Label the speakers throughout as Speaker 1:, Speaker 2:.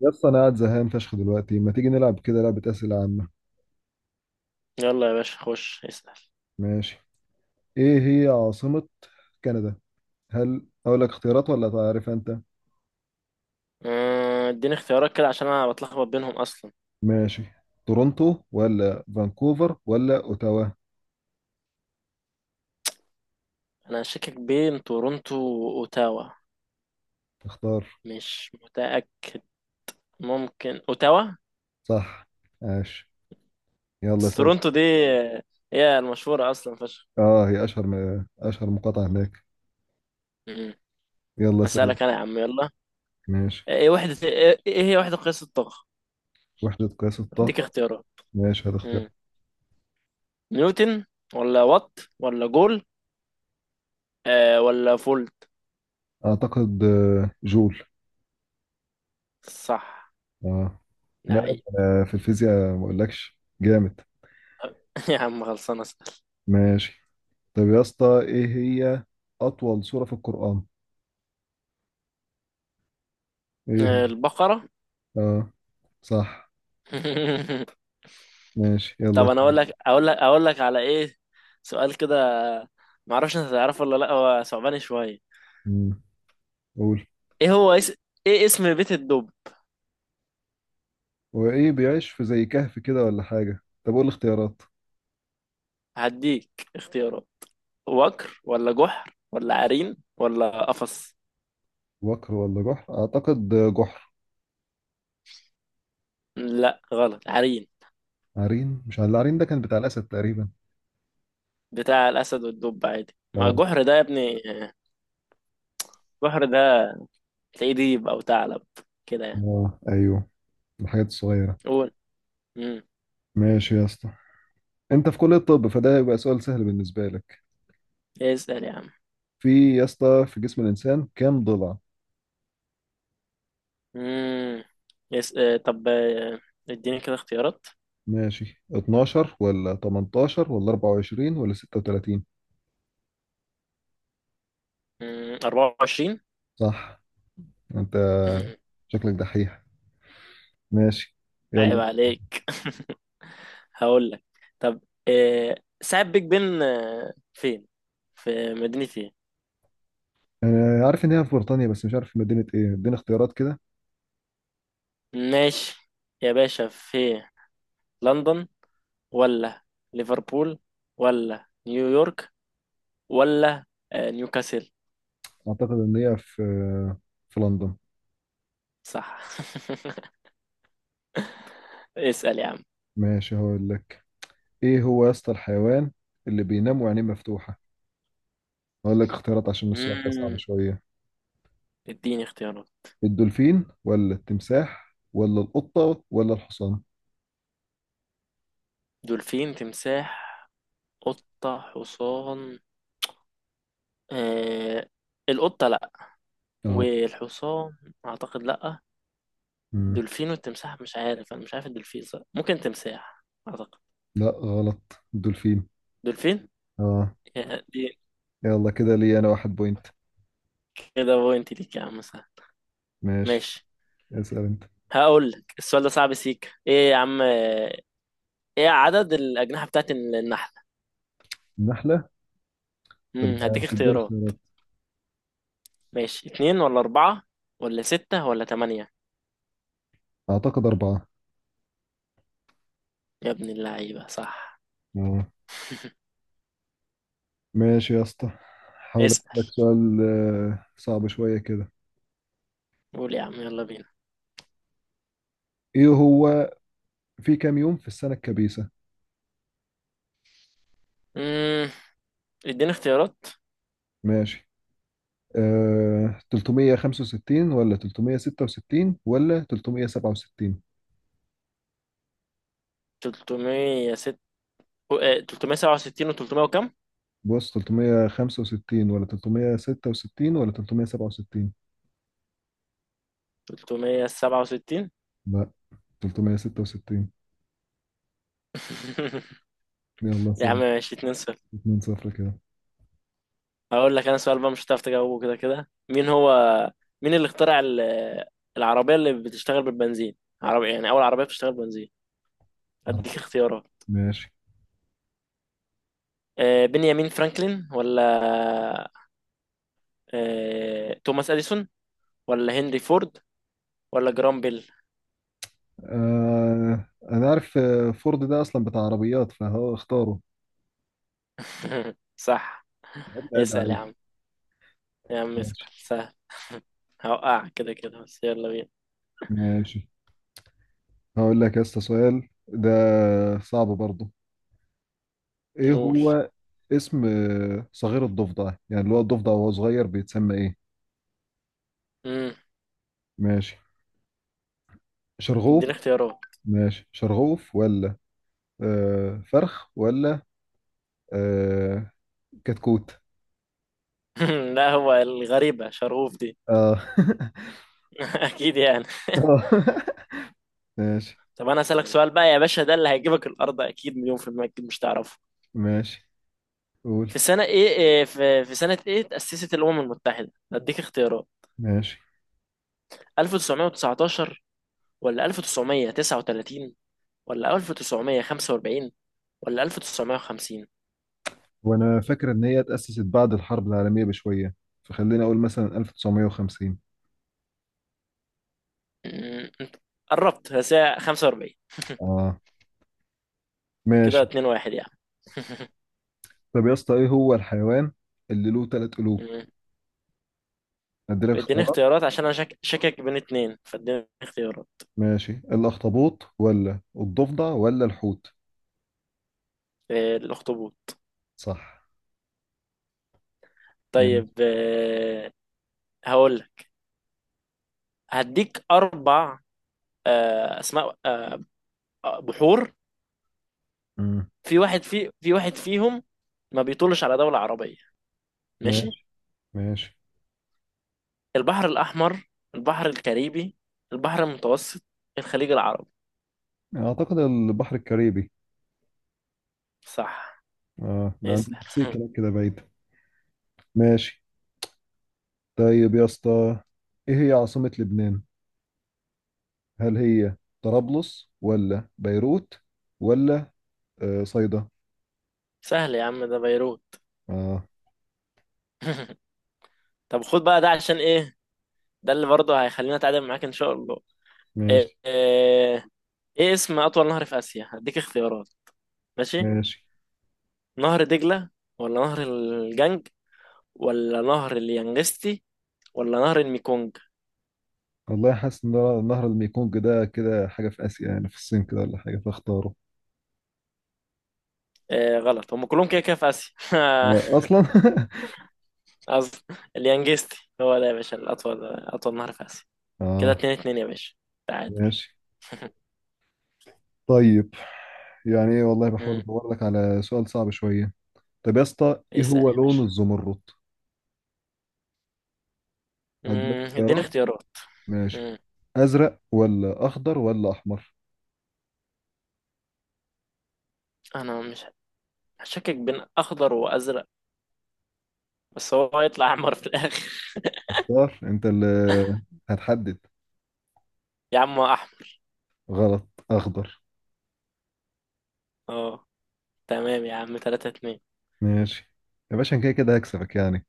Speaker 1: يا اسطى انا قاعد زهقان فشخ دلوقتي، ما تيجي نلعب كده لعبة أسئلة عامة؟
Speaker 2: يلا يا باشا، خش اسأل.
Speaker 1: ماشي. ايه هي عاصمة كندا؟ هل اقول لك اختيارات ولا تعرف انت؟
Speaker 2: اديني اختيارات كده عشان انا بتلخبط بينهم اصلا.
Speaker 1: ماشي. تورونتو ولا فانكوفر ولا اوتاوا؟
Speaker 2: انا شاكك بين تورونتو واوتاوا.
Speaker 1: اختار.
Speaker 2: مش متأكد، ممكن اوتاوا.
Speaker 1: صح. ماشي،
Speaker 2: بس
Speaker 1: يلا سلام.
Speaker 2: تورونتو دي آه، هي المشهورة اصلا فشخ.
Speaker 1: اه، هي اشهر مقاطعة هناك.
Speaker 2: مم.
Speaker 1: يلا سلام.
Speaker 2: هسألك انا يا عم، يلا.
Speaker 1: ماشي.
Speaker 2: آه، ايه وحدة ايه إيه هي وحدة قياس الطاقة؟
Speaker 1: وحدة قياس
Speaker 2: اديك
Speaker 1: الطاقة؟
Speaker 2: اختيارات.
Speaker 1: ماشي، هتختار.
Speaker 2: مم. نيوتن ولا وات ولا جول ولا فولت؟
Speaker 1: اعتقد جول.
Speaker 2: صح.
Speaker 1: اه.
Speaker 2: لا.
Speaker 1: لا، في الفيزياء ما اقولكش جامد.
Speaker 2: يا عم، خلصانة، اسأل.
Speaker 1: ماشي. طب يا اسطى، ايه هي اطول سورة في القرآن؟ ايه؟
Speaker 2: البقرة.
Speaker 1: اه، صح. ماشي يلا.
Speaker 2: طب انا اقول لك على ايه سؤال كده. ما اعرفش، انت هتعرفه ولا لا، هو صعباني شويه.
Speaker 1: مم. قول.
Speaker 2: ايه هو اس... ايه اسم بيت الدب؟
Speaker 1: وايه، بيعيش في زي كهف كده ولا حاجة؟ طب قول الاختيارات.
Speaker 2: هديك اختيارات. وكر ولا جحر ولا عرين ولا قفص؟
Speaker 1: وكر ولا جحر، اعتقد جحر.
Speaker 2: لا، غلط، عرين.
Speaker 1: عرين؟ مش عارف، العرين ده كان بتاع الاسد تقريبا.
Speaker 2: بتاع الاسد والدب عادي، ما
Speaker 1: اه.
Speaker 2: جحر ده يا ابني. جحر ده تلاقيه ديب او ثعلب، كده يعني.
Speaker 1: اه ايوه، الحاجات الصغيرة.
Speaker 2: قول. امم
Speaker 1: ماشي يا اسطى، انت في كلية الطب فده يبقى سؤال سهل بالنسبة لك.
Speaker 2: اسال يا عم.
Speaker 1: في يا اسطى، في جسم الانسان كام ضلع؟
Speaker 2: امم يس... آه، طب، اديني كده اختيارات.
Speaker 1: ماشي، 12 ولا 18 ولا 24 ولا 36؟
Speaker 2: 24.
Speaker 1: صح. انت شكلك دحيح. ماشي
Speaker 2: عيب
Speaker 1: يلا.
Speaker 2: عليك. هقول لك. طب، آه، ساعة بيج بن فين؟ في مدينة ايه؟
Speaker 1: انا عارف ان هي في بريطانيا بس مش عارف في مدينة ايه، اديني اختيارات كده.
Speaker 2: ماشي يا باشا، في لندن ولا ليفربول ولا نيويورك ولا نيوكاسل؟
Speaker 1: اعتقد ان هي في لندن.
Speaker 2: صح. اسأل يا عم.
Speaker 1: ماشي، هقول لك. ايه هو يا اسطى الحيوان اللي بينام وعينيه مفتوحة؟ هقول لك اختيارات عشان السؤال ده صعب
Speaker 2: مم.
Speaker 1: شوية.
Speaker 2: اديني اختيارات.
Speaker 1: الدولفين ولا التمساح ولا القطة ولا الحصان؟
Speaker 2: دولفين، تمساح، قطة، حصان. آه... القطة لأ،
Speaker 1: اه.
Speaker 2: والحصان أعتقد لأ.
Speaker 1: مم.
Speaker 2: دولفين والتمساح مش عارف، انا مش عارف، الدولفين صح، ممكن تمساح اعتقد.
Speaker 1: لا، غلط، الدولفين.
Speaker 2: دولفين.
Speaker 1: اه،
Speaker 2: يا دي!
Speaker 1: يلا كده لي انا واحد بوينت.
Speaker 2: كده بوينت ليك يا عم، سهل.
Speaker 1: ماشي،
Speaker 2: ماشي.
Speaker 1: اسأل انت.
Speaker 2: هقول لك، السؤال ده صعب سيك، ايه يا عم؟ ايه عدد الاجنحه بتاعت النحله؟
Speaker 1: النحلة؟ طب
Speaker 2: هديك
Speaker 1: تديني
Speaker 2: اختيارات.
Speaker 1: اختيارات؟
Speaker 2: ماشي، اتنين ولا اربعه ولا ستة ولا تمانية؟
Speaker 1: اعتقد اربعة.
Speaker 2: يا ابن اللعيبة، صح.
Speaker 1: آه. ماشي يا اسطى، حاول
Speaker 2: اسأل.
Speaker 1: اسالك سؤال صعب شويه كده.
Speaker 2: قول يا عم، يلا بينا.
Speaker 1: ايه هو، في كام يوم في السنه الكبيسه؟
Speaker 2: امم اديني اختيارات.
Speaker 1: ماشي، 365 ولا 366 ولا 367؟
Speaker 2: 306، 367 و300 وكم،
Speaker 1: بص، 365 ولا 366 ولا 367؟
Speaker 2: 367.
Speaker 1: لا، 366. يلا
Speaker 2: يا عم،
Speaker 1: سلام.
Speaker 2: ماشي 2-0.
Speaker 1: 2 0 كده.
Speaker 2: هقول لك انا سؤال بقى مش هتعرف تجاوبه كده كده. مين اللي اخترع العربية اللي بتشتغل بالبنزين. عربية، يعني اول عربية بتشتغل بنزين. هديك اختيارات.
Speaker 1: ماشي.
Speaker 2: بنيامين فرانكلين ولا توماس اديسون ولا هنري فورد ولا جرام بيل؟
Speaker 1: انا عارف، فورد ده اصلا بتاع عربيات فهو اختاره.
Speaker 2: صح.
Speaker 1: عيب
Speaker 2: اسأل يا عم.
Speaker 1: عليك.
Speaker 2: يا عم، اسأل
Speaker 1: ماشي.
Speaker 2: سهل. هوقعك كده كده، بس يلا بينا.
Speaker 1: ماشي، هقول لك يا اسطى، سؤال ده صعب برضه. ايه
Speaker 2: نقول.
Speaker 1: هو اسم صغير الضفدع؟ يعني اللي هو الضفدع وهو صغير بيتسمى ايه؟
Speaker 2: امم
Speaker 1: ماشي، شرغوف.
Speaker 2: اديني اختيارات.
Speaker 1: ماشي، شرغوف ولا فرخ ولا آه كتكوت؟
Speaker 2: لا، هو الغريبة شرهوف دي.
Speaker 1: اه
Speaker 2: اكيد يعني.
Speaker 1: آه. ماشي.
Speaker 2: طب انا اسالك سؤال بقى يا باشا، ده اللي هيجيبك الارض، اكيد مليون في المية، أكيد مش تعرفه.
Speaker 1: ماشي، قول.
Speaker 2: في سنة ايه تأسست الأمم المتحدة؟ هديك اختيارات.
Speaker 1: ماشي،
Speaker 2: 1919 ولا 1939 ولا 1945 ولا 1950؟
Speaker 1: وانا فاكر ان هي اتأسست بعد الحرب العالمية بشوية، فخليني اقول مثلا 1950.
Speaker 2: انت قربت، بس هي 45.
Speaker 1: اه،
Speaker 2: كده
Speaker 1: ماشي.
Speaker 2: 2-1 يعني.
Speaker 1: طب يا اسطى، ايه هو الحيوان اللي له ثلاث قلوب؟
Speaker 2: أمم،
Speaker 1: ادي لك.
Speaker 2: اديني اختيارات عشان انا شاكك بين اتنين، فاديني اختيارات.
Speaker 1: ماشي، الأخطبوط ولا الضفدع ولا الحوت؟
Speaker 2: إيه، الأخطبوط.
Speaker 1: صح. من؟
Speaker 2: طيب، هقول لك. هديك اربع اسماء بحور.
Speaker 1: مم.
Speaker 2: في واحد فيهم ما بيطلش على دولة عربية. ماشي.
Speaker 1: ماشي. ماشي،
Speaker 2: البحر الأحمر، البحر الكاريبي، البحر المتوسط، الخليج العربي؟
Speaker 1: أعتقد البحر الكاريبي.
Speaker 2: صح.
Speaker 1: اه، ده عند
Speaker 2: يسأل.
Speaker 1: المكسيك هناك كده بعيد. ماشي. طيب يا اسطى، ايه هي عاصمة لبنان؟ هل هي طرابلس ولا بيروت ولا صيدا؟
Speaker 2: سهل يا عم، ده بيروت.
Speaker 1: اه.
Speaker 2: طب خد بقى، ده عشان ايه. ده اللي برضه هيخلينا اتعادل معاك ان شاء الله. ايه,
Speaker 1: ماشي.
Speaker 2: ايه إيه اسم اطول نهر في اسيا؟ هديك اختيارات. ماشي.
Speaker 1: ماشي،
Speaker 2: نهر دجلة ولا نهر الجنج ولا نهر اليانجستي ولا نهر الميكونج؟
Speaker 1: والله حاسس ان نهر الميكونج ده كده حاجة في آسيا، يعني في الصين كده ولا حاجة، فاختاره.
Speaker 2: آه، غلط، هم كلهم كده كده في آسيا.
Speaker 1: آه أصلا
Speaker 2: قصدي، اليانجستي هو ده يا باشا الأطول، أطول نهر في آسيا. كده
Speaker 1: اه،
Speaker 2: 2-2 يا باشا، تعادل.
Speaker 1: ماشي. طيب، يعني ايه، والله بحاول
Speaker 2: امم
Speaker 1: ادور لك على سؤال صعب شويه. طب يا اسطى، ايه
Speaker 2: اسأل
Speaker 1: هو
Speaker 2: يا
Speaker 1: لون
Speaker 2: باشا.
Speaker 1: الزمرد؟ عندك
Speaker 2: اديني
Speaker 1: اختيارات.
Speaker 2: اختيارات.
Speaker 1: ماشي،
Speaker 2: امم
Speaker 1: ازرق ولا اخضر ولا احمر؟
Speaker 2: أنا مش هشكك بين أخضر وأزرق، بس هو هيطلع أحمر في الآخر.
Speaker 1: اختار انت اللي هتحدد.
Speaker 2: يا عم، هو أحمر.
Speaker 1: غلط، اخضر.
Speaker 2: اه. تمام يا عم، 3-2.
Speaker 1: ماشي. يا باشا أنا كده كده هكسبك يعني.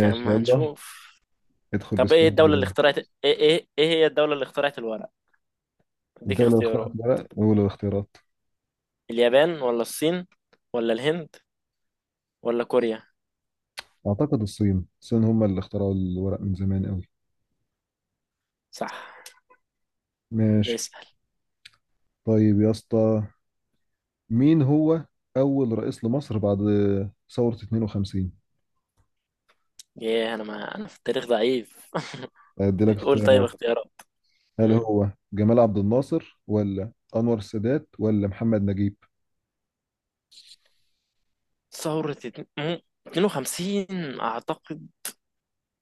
Speaker 2: يا عم،
Speaker 1: يلا.
Speaker 2: هنشوف.
Speaker 1: ادخل
Speaker 2: طب ايه
Speaker 1: بسم.
Speaker 2: الدولة اللي اخترعت ايه ايه ايه هي الدولة اللي اخترعت الورق؟ اديك
Speaker 1: الدولة اللي
Speaker 2: اختيارات.
Speaker 1: اخترعت الورق، أول الاختيارات.
Speaker 2: اليابان ولا الصين ولا الهند ولا كوريا؟
Speaker 1: أعتقد الصين، الصين هم اللي اخترعوا الورق من زمان قوي.
Speaker 2: صح.
Speaker 1: ماشي.
Speaker 2: اسأل.
Speaker 1: طيب يا اسطى، مين هو أول رئيس لمصر بعد ثورة 52؟
Speaker 2: ياه، انا ما انا في التاريخ ضعيف.
Speaker 1: أدي لك
Speaker 2: قول، طيب،
Speaker 1: اختيارات.
Speaker 2: اختيارات.
Speaker 1: هل
Speaker 2: مم.
Speaker 1: هو جمال عبد الناصر ولا أنور السادات ولا محمد نجيب؟
Speaker 2: ثورة 52 اعتقد.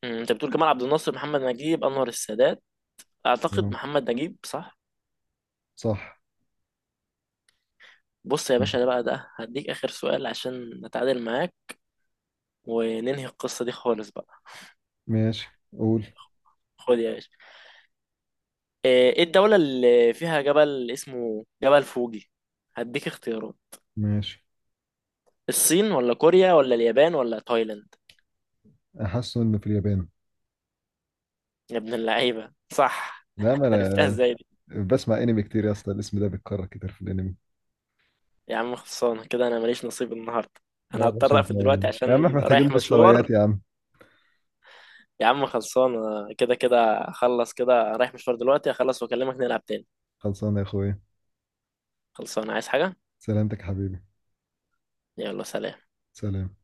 Speaker 2: انت بتقول جمال عبد الناصر، محمد نجيب، انور السادات. اعتقد
Speaker 1: تمام.
Speaker 2: محمد نجيب، صح.
Speaker 1: صح.
Speaker 2: بص يا باشا، ده بقى ده هديك اخر سؤال عشان نتعادل معاك وننهي القصة دي خالص بقى.
Speaker 1: ماشي، قول.
Speaker 2: خد يا باشا. ايه الدولة اللي فيها جبل اسمه جبل فوجي؟ هديك اختيارات.
Speaker 1: ماشي،
Speaker 2: الصين ولا كوريا ولا اليابان ولا تايلاند؟
Speaker 1: أحس إنه في اليابان.
Speaker 2: يا ابن اللعيبة، صح.
Speaker 1: لا، ما
Speaker 2: عرفتها
Speaker 1: أنا
Speaker 2: ازاي؟
Speaker 1: بسمع أنمي كتير يا اسطى، الاسم ده بيتكرر كتير في الأنمي.
Speaker 2: يا عم، خلصانة كده، أنا ماليش نصيب النهاردة.
Speaker 1: لا يا
Speaker 2: أنا
Speaker 1: باشا،
Speaker 2: هضطر
Speaker 1: أنت.
Speaker 2: أقفل دلوقتي،
Speaker 1: يا عم
Speaker 2: عشان
Speaker 1: إحنا محتاجين
Speaker 2: رايح
Speaker 1: مستويات
Speaker 2: مشوار.
Speaker 1: يا عم.
Speaker 2: يا عم، خلصانة كده كده. أخلص كده، رايح مشوار دلوقتي، أخلص وأكلمك نلعب تاني.
Speaker 1: خلصانة يا أخويا.
Speaker 2: خلصانة، عايز حاجة؟
Speaker 1: سلامتك يا حبيبي.
Speaker 2: يلا سلام.
Speaker 1: سلام.